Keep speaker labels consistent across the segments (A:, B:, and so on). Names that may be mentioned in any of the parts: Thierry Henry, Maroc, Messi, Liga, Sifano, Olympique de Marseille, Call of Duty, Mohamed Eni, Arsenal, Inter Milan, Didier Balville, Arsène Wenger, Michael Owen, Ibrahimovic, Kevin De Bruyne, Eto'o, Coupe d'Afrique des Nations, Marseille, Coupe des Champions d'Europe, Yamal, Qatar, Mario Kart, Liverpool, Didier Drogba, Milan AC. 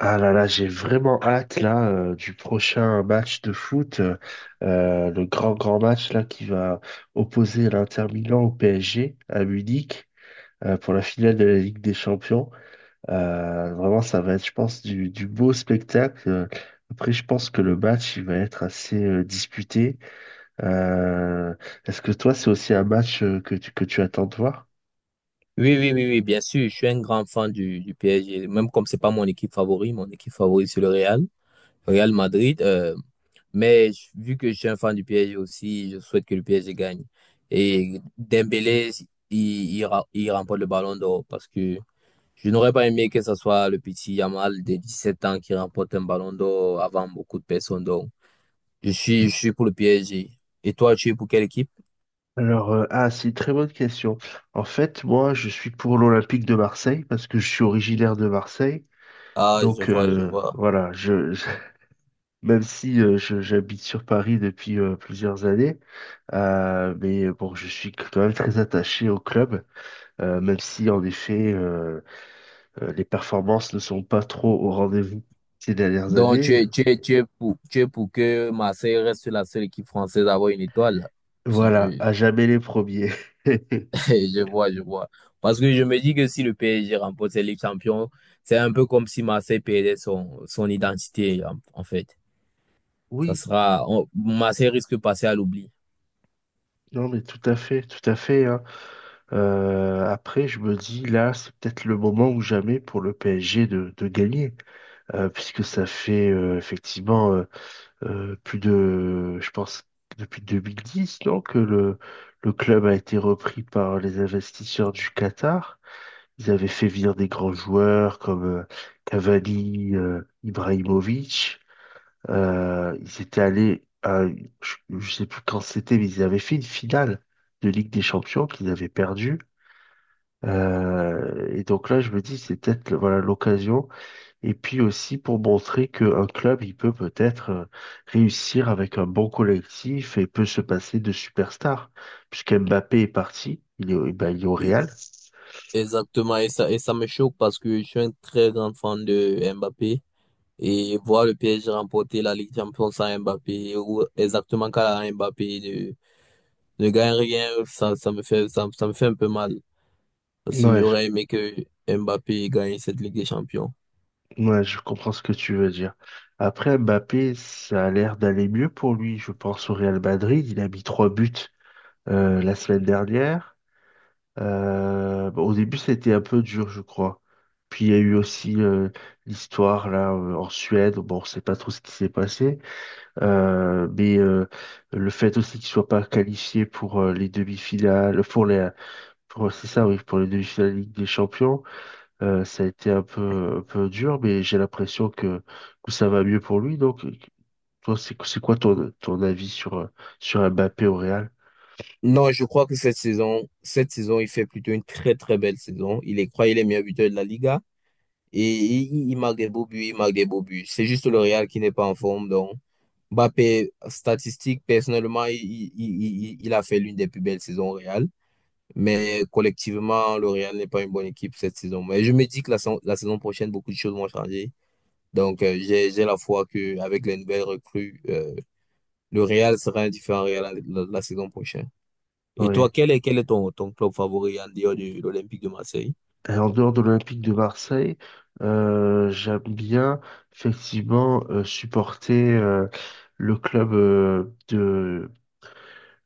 A: Ah là là, j'ai vraiment hâte là du prochain match de foot, le grand match là qui va opposer l'Inter Milan au PSG à Munich pour la finale de la Ligue des Champions. Vraiment, ça va être, je pense, du beau spectacle. Après, je pense que le match il va être assez disputé. Euh, Est-ce que toi, c'est aussi un match que que tu attends de voir?
B: Oui, oui, oui, oui, bien sûr, je suis un grand fan du PSG, même comme c'est pas mon équipe favorite, mon équipe favorite c'est le Real Madrid, mais vu que je suis un fan du PSG aussi, je souhaite que le PSG gagne. Et Dembélé, il, il remporte le ballon d'or parce que je n'aurais pas aimé que ce soit le petit Yamal de 17 ans qui remporte un ballon d'or avant beaucoup de personnes. Donc, je suis pour le PSG. Et toi, tu es pour quelle équipe?
A: Alors, ah, c'est une très bonne question. En fait, moi, je suis pour l'Olympique de Marseille parce que je suis originaire de Marseille.
B: Ah, je
A: Donc,
B: vois, je vois.
A: voilà, même si j'habite sur Paris depuis plusieurs années, mais bon, je suis quand même très attaché au club, même si, en effet, les performances ne sont pas trop au rendez-vous ces dernières
B: Donc,
A: années.
B: tu es pour que Marseille reste la seule équipe française à avoir une étoile. Si
A: Voilà,
B: je,
A: à jamais les premiers.
B: je vois, je vois. Parce que je me dis que si le PSG remporte cette Ligue Champion, c'est un peu comme si Marseille perdait son identité, en fait. Ça
A: Oui,
B: sera, Marseille risque de passer à l'oubli.
A: non, mais tout à fait, tout à fait, hein. Après, je me dis, là, c'est peut-être le moment ou jamais pour le PSG de gagner, puisque ça fait effectivement, plus de, je pense, depuis 2010, non, que le club a été repris par les investisseurs du Qatar. Ils avaient fait venir des grands joueurs comme Cavani, Ibrahimovic. Ils étaient allés à, je sais plus quand c'était, mais ils avaient fait une finale de Ligue des Champions qu'ils avaient perdue. Et donc là, je me dis, c'est peut-être voilà l'occasion. Et puis aussi pour montrer qu'un club, il peut peut-être réussir avec un bon collectif et peut se passer de superstars. Puisque Mbappé est parti, il est, ben, il est au Real.
B: Exactement, et ça me choque parce que je suis un très grand fan de Mbappé et voir le PSG remporter la Ligue des Champions sans Mbappé ou exactement quand Mbappé je gagne rien, ça me fait un peu mal. Parce que
A: Ouais, je,
B: j'aurais aimé que Mbappé gagne cette Ligue des Champions.
A: ouais, je comprends ce que tu veux dire. Après, Mbappé, ça a l'air d'aller mieux pour lui, je pense, au Real Madrid. Il a mis trois buts la semaine dernière. Bon, au début, ça a été un peu dur, je crois. Puis il y a eu aussi l'histoire là en Suède. Bon, on sait pas trop ce qui s'est passé. Mais le fait aussi qu'ils soient pas qualifiés pour les demi-finales, pour pour, c'est ça, oui, pour les demi-finales de Ligue des Champions, ça a été un peu dur, mais j'ai l'impression que ça va mieux pour lui. Donc, toi, c'est quoi ton avis sur sur Mbappé au Real?
B: Non, je crois que cette saison, il fait plutôt une très très belle saison. Il est, croyez, les meilleurs buteurs de la Liga et il marque des beaux buts, il marque des beaux buts. C'est juste le Real qui n'est pas en forme. Donc, Mbappé, statistique, personnellement, il a fait l'une des plus belles saisons au Real. Mais collectivement, le Real n'est pas une bonne équipe cette saison. Mais je me dis que la saison prochaine, beaucoup de choses vont changer. Donc, j'ai la foi qu'avec les nouvelles recrues, le Real sera un différent Real la saison prochaine. Et toi, quel est ton club favori en dehors de l'Olympique de Marseille?
A: Et en dehors de l'Olympique de Marseille, j'aime bien effectivement supporter le club euh, de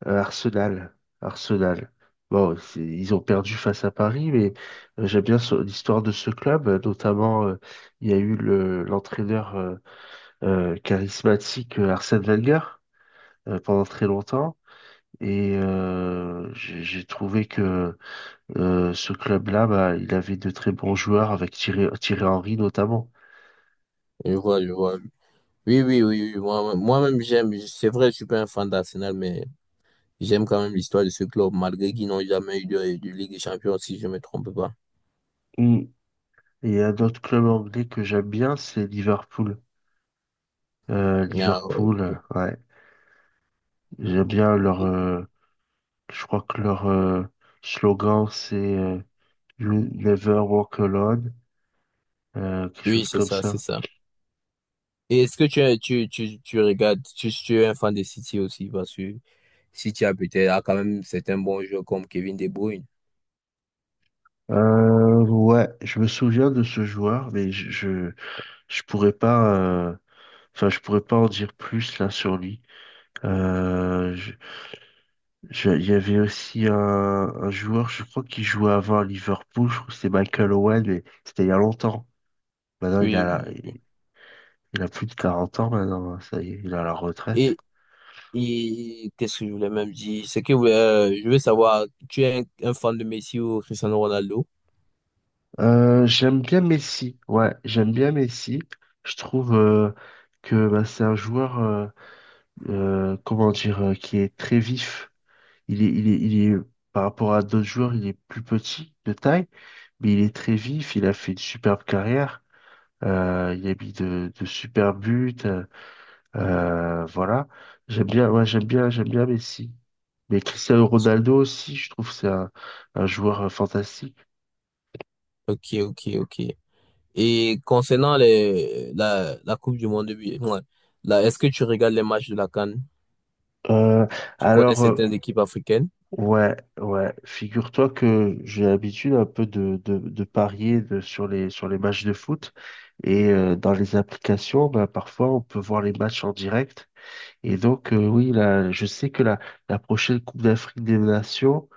A: euh, Arsenal. Arsenal. Bon, ils ont perdu face à Paris, mais j'aime bien l'histoire de ce club. Notamment, il y a eu l'entraîneur charismatique Arsène Wenger pendant très longtemps. Et j'ai trouvé que ce club-là, bah, il avait de très bons joueurs avec Thierry Henry notamment.
B: Je vois, je vois. Oui, oui, oui, oui. Moi, moi-même, j'aime. C'est vrai, je suis pas un fan d'Arsenal, mais j'aime quand même l'histoire de ce club, malgré qu'ils n'ont jamais eu de Ligue des Champions, si je me trompe pas.
A: Mm. Et un autre club anglais que j'aime bien, c'est Liverpool.
B: Ah,
A: Liverpool,
B: ok.
A: ouais. J'aime bien leur, je crois que leur slogan, c'est You never walk alone, quelque
B: Oui,
A: chose
B: c'est
A: comme
B: ça, c'est
A: ça.
B: ça. Et est-ce que tu regardes, tu es un fan de City aussi, parce que City a peut-être a quand même certains bons joueurs comme Kevin De Bruyne.
A: Ouais, je me souviens de ce joueur, mais je pourrais pas, enfin, je pourrais pas en dire plus là sur lui. Euh, Il y avait aussi un joueur, je crois, qui jouait avant à Liverpool, je crois que c'est Michael Owen, mais c'était il y a longtemps. Maintenant,
B: Oui, oui, oui.
A: il a plus de 40 ans maintenant, hein, ça y est, il a la retraite.
B: Et, et qu'est-ce que je voulais même dire? C'est que je veux savoir, tu es un fan de Messi ou Cristiano Ronaldo?
A: J'aime bien Messi, ouais, j'aime bien Messi. Je trouve que bah, c'est un joueur, comment dire, qui est très vif. Il est, par rapport à d'autres joueurs, il est plus petit de taille, mais il est très vif, il a fait une superbe carrière. Il y a mis de super buts. Voilà. J'aime bien, ouais, j'aime bien Messi. Mais Cristiano Ronaldo aussi, je trouve que c'est un joueur fantastique.
B: Ok, ok, ok. Et concernant la Coupe du Monde, ouais, là, est-ce que tu regardes les matchs de la CAN?
A: Euh,
B: Tu connais
A: alors,
B: certaines équipes africaines?
A: ouais, ouais, figure-toi que j'ai l'habitude un peu de parier sur sur les matchs de foot. Et dans les applications, bah, parfois, on peut voir les matchs en direct. Et donc, oui, là, je sais que la prochaine Coupe d'Afrique des Nations,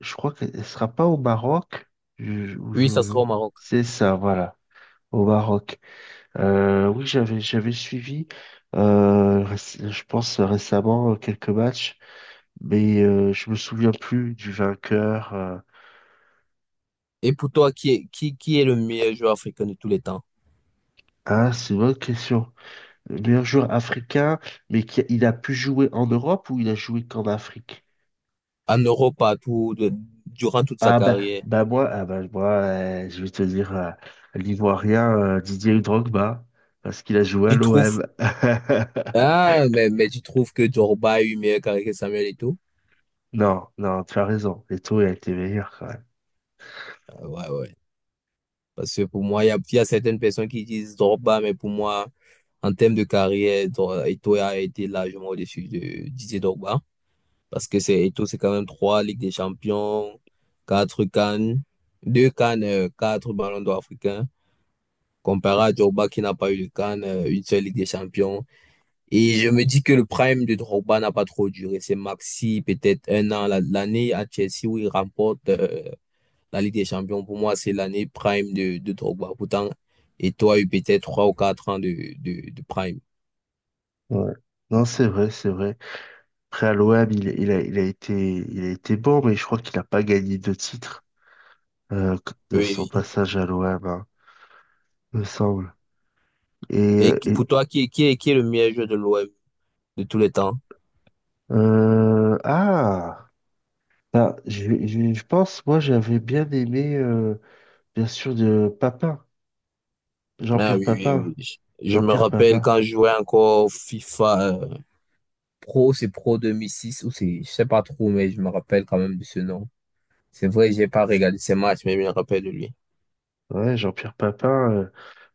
A: je crois qu'elle ne sera pas au Maroc. Je-
B: Oui, ça
A: je- je-
B: sera au Maroc.
A: c'est ça, voilà, au Maroc. Oui, j'avais suivi, je pense récemment, quelques matchs, mais je me souviens plus du vainqueur.
B: Et pour toi, qui est le meilleur joueur africain de tous les temps?
A: Ah, c'est une bonne question. Le meilleur joueur africain, mais qui, il a pu jouer en Europe ou il a joué qu'en Afrique?
B: En Europe, partout, durant toute sa
A: Ah bah,
B: carrière.
A: moi je vais te dire l'Ivoirien Didier Drogba, parce qu'il a joué à
B: Tu trouves,
A: l'OM.
B: ah, mais tu trouves que Drogba a eu meilleur carré que Samuel et tout?
A: Non, non, tu as raison. Eto'o a été meilleur quand même.
B: Ah, ouais, ouais. Parce que pour moi, il y a certaines personnes qui disent Drogba, mais pour moi, en termes de carrière, Eto'o a été largement au-dessus de Didier Drogba. Parce que c'est Eto'o, c'est quand même trois Ligues des Champions, quatre Cannes, deux Cannes, quatre Ballons d'Or africains. Comparé à Drogba qui n'a pas eu de Cannes, une seule Ligue des Champions. Et je me dis que le prime de Drogba n'a pas trop duré. C'est maxi, peut-être un an, l'année à Chelsea où il remporte. La Ligue des Champions, pour moi, c'est l'année prime de Drogba. Pourtant, et toi, a eu peut-être 3 ou 4 ans de prime.
A: Ouais. Non, c'est vrai, c'est vrai. Après, à l'OM, il a été bon, mais je crois qu'il n'a pas gagné de titre euh, de son
B: Oui, oui.
A: passage à l'OM, hein, me semble. Et,
B: Et
A: euh, et
B: pour toi, qui est le meilleur joueur de l'OM de tous les temps?
A: euh, ah, je pense, moi, j'avais bien aimé, bien sûr, de Papin,
B: Ah
A: Jean-Pierre
B: oui, oui,
A: Papin.
B: oui. Je me
A: Jean-Pierre
B: rappelle
A: Papin.
B: quand je jouais encore au FIFA. Pro, c'est Pro 2006 ou c'est, je sais pas trop, mais je me rappelle quand même de ce nom. C'est vrai, j'ai pas regardé ces matchs, mais je me rappelle de lui.
A: Ouais, Jean-Pierre Papin.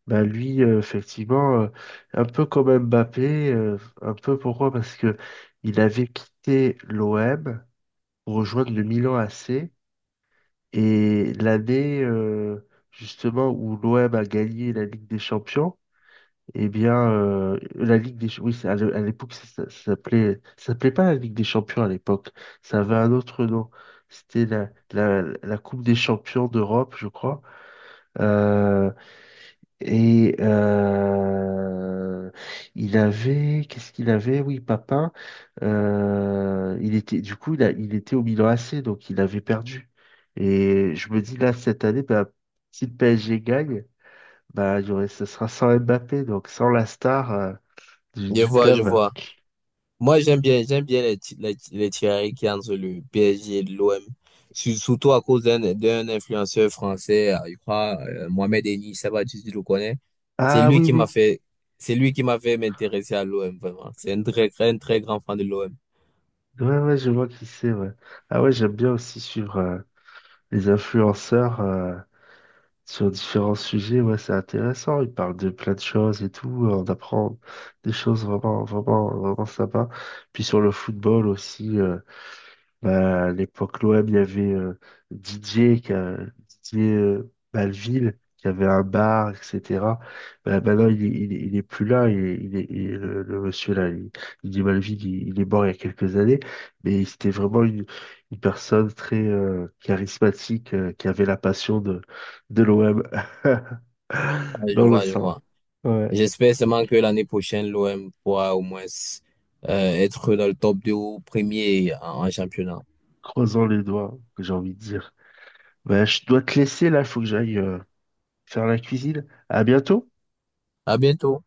A: Bah lui, effectivement, un peu comme Mbappé, un peu pourquoi? Parce que il avait quitté l'OM pour rejoindre le Milan AC et l'année justement où l'OM a gagné la Ligue des Champions, eh bien la Ligue des oui à l'époque ça s'appelait pas la Ligue des Champions à l'époque, ça avait un autre nom, c'était la Coupe des Champions d'Europe, je crois. Euh, et il avait, qu'est-ce qu'il avait? Oui, Papin. Il était, du coup, il était au Milan AC, donc il avait perdu. Et je me dis là cette année, bah, si le PSG gagne, bah, il y aurait, ce sera sans Mbappé, donc sans la star
B: Je
A: du
B: vois, je
A: club.
B: vois. Moi, j'aime bien les tirailles qu'il y a entre le PSG et l'OM. Surtout à cause d'un influenceur français, je crois, Mohamed Eni, je sais pas si tu le connais. C'est
A: Ah
B: lui
A: oui,
B: qui m'a
A: oui,
B: fait, c'est lui qui m'a fait m'intéresser à l'OM, vraiment. C'est un très, très, un très grand fan de l'OM.
A: ouais, ouais, je vois qui c'est. Ouais. Ah ouais, j'aime bien aussi suivre les influenceurs. Sur différents sujets, ouais, c'est intéressant. Il parle de plein de choses et tout. On apprend des choses vraiment, vraiment, vraiment sympas. Puis sur le football aussi, bah, à l'époque, l'OM, il y avait Didier, qui a- Didier Balville, qui avait un bar, etc. Bah, maintenant, il est plus là. Le monsieur, Didier Balville, il est mort il y a quelques années. Mais c'était vraiment une personne très charismatique, qui avait la passion de l'OM
B: Ah, je
A: dans le
B: vois, je
A: sang.
B: vois.
A: Ouais.
B: J'espère seulement que l'année prochaine, l'OM pourra au moins être dans le top 2 ou premier en championnat.
A: Croisons les doigts, que j'ai envie de dire. Bah, je dois te laisser, là, il faut que j'aille faire la cuisine. À bientôt!
B: À bientôt.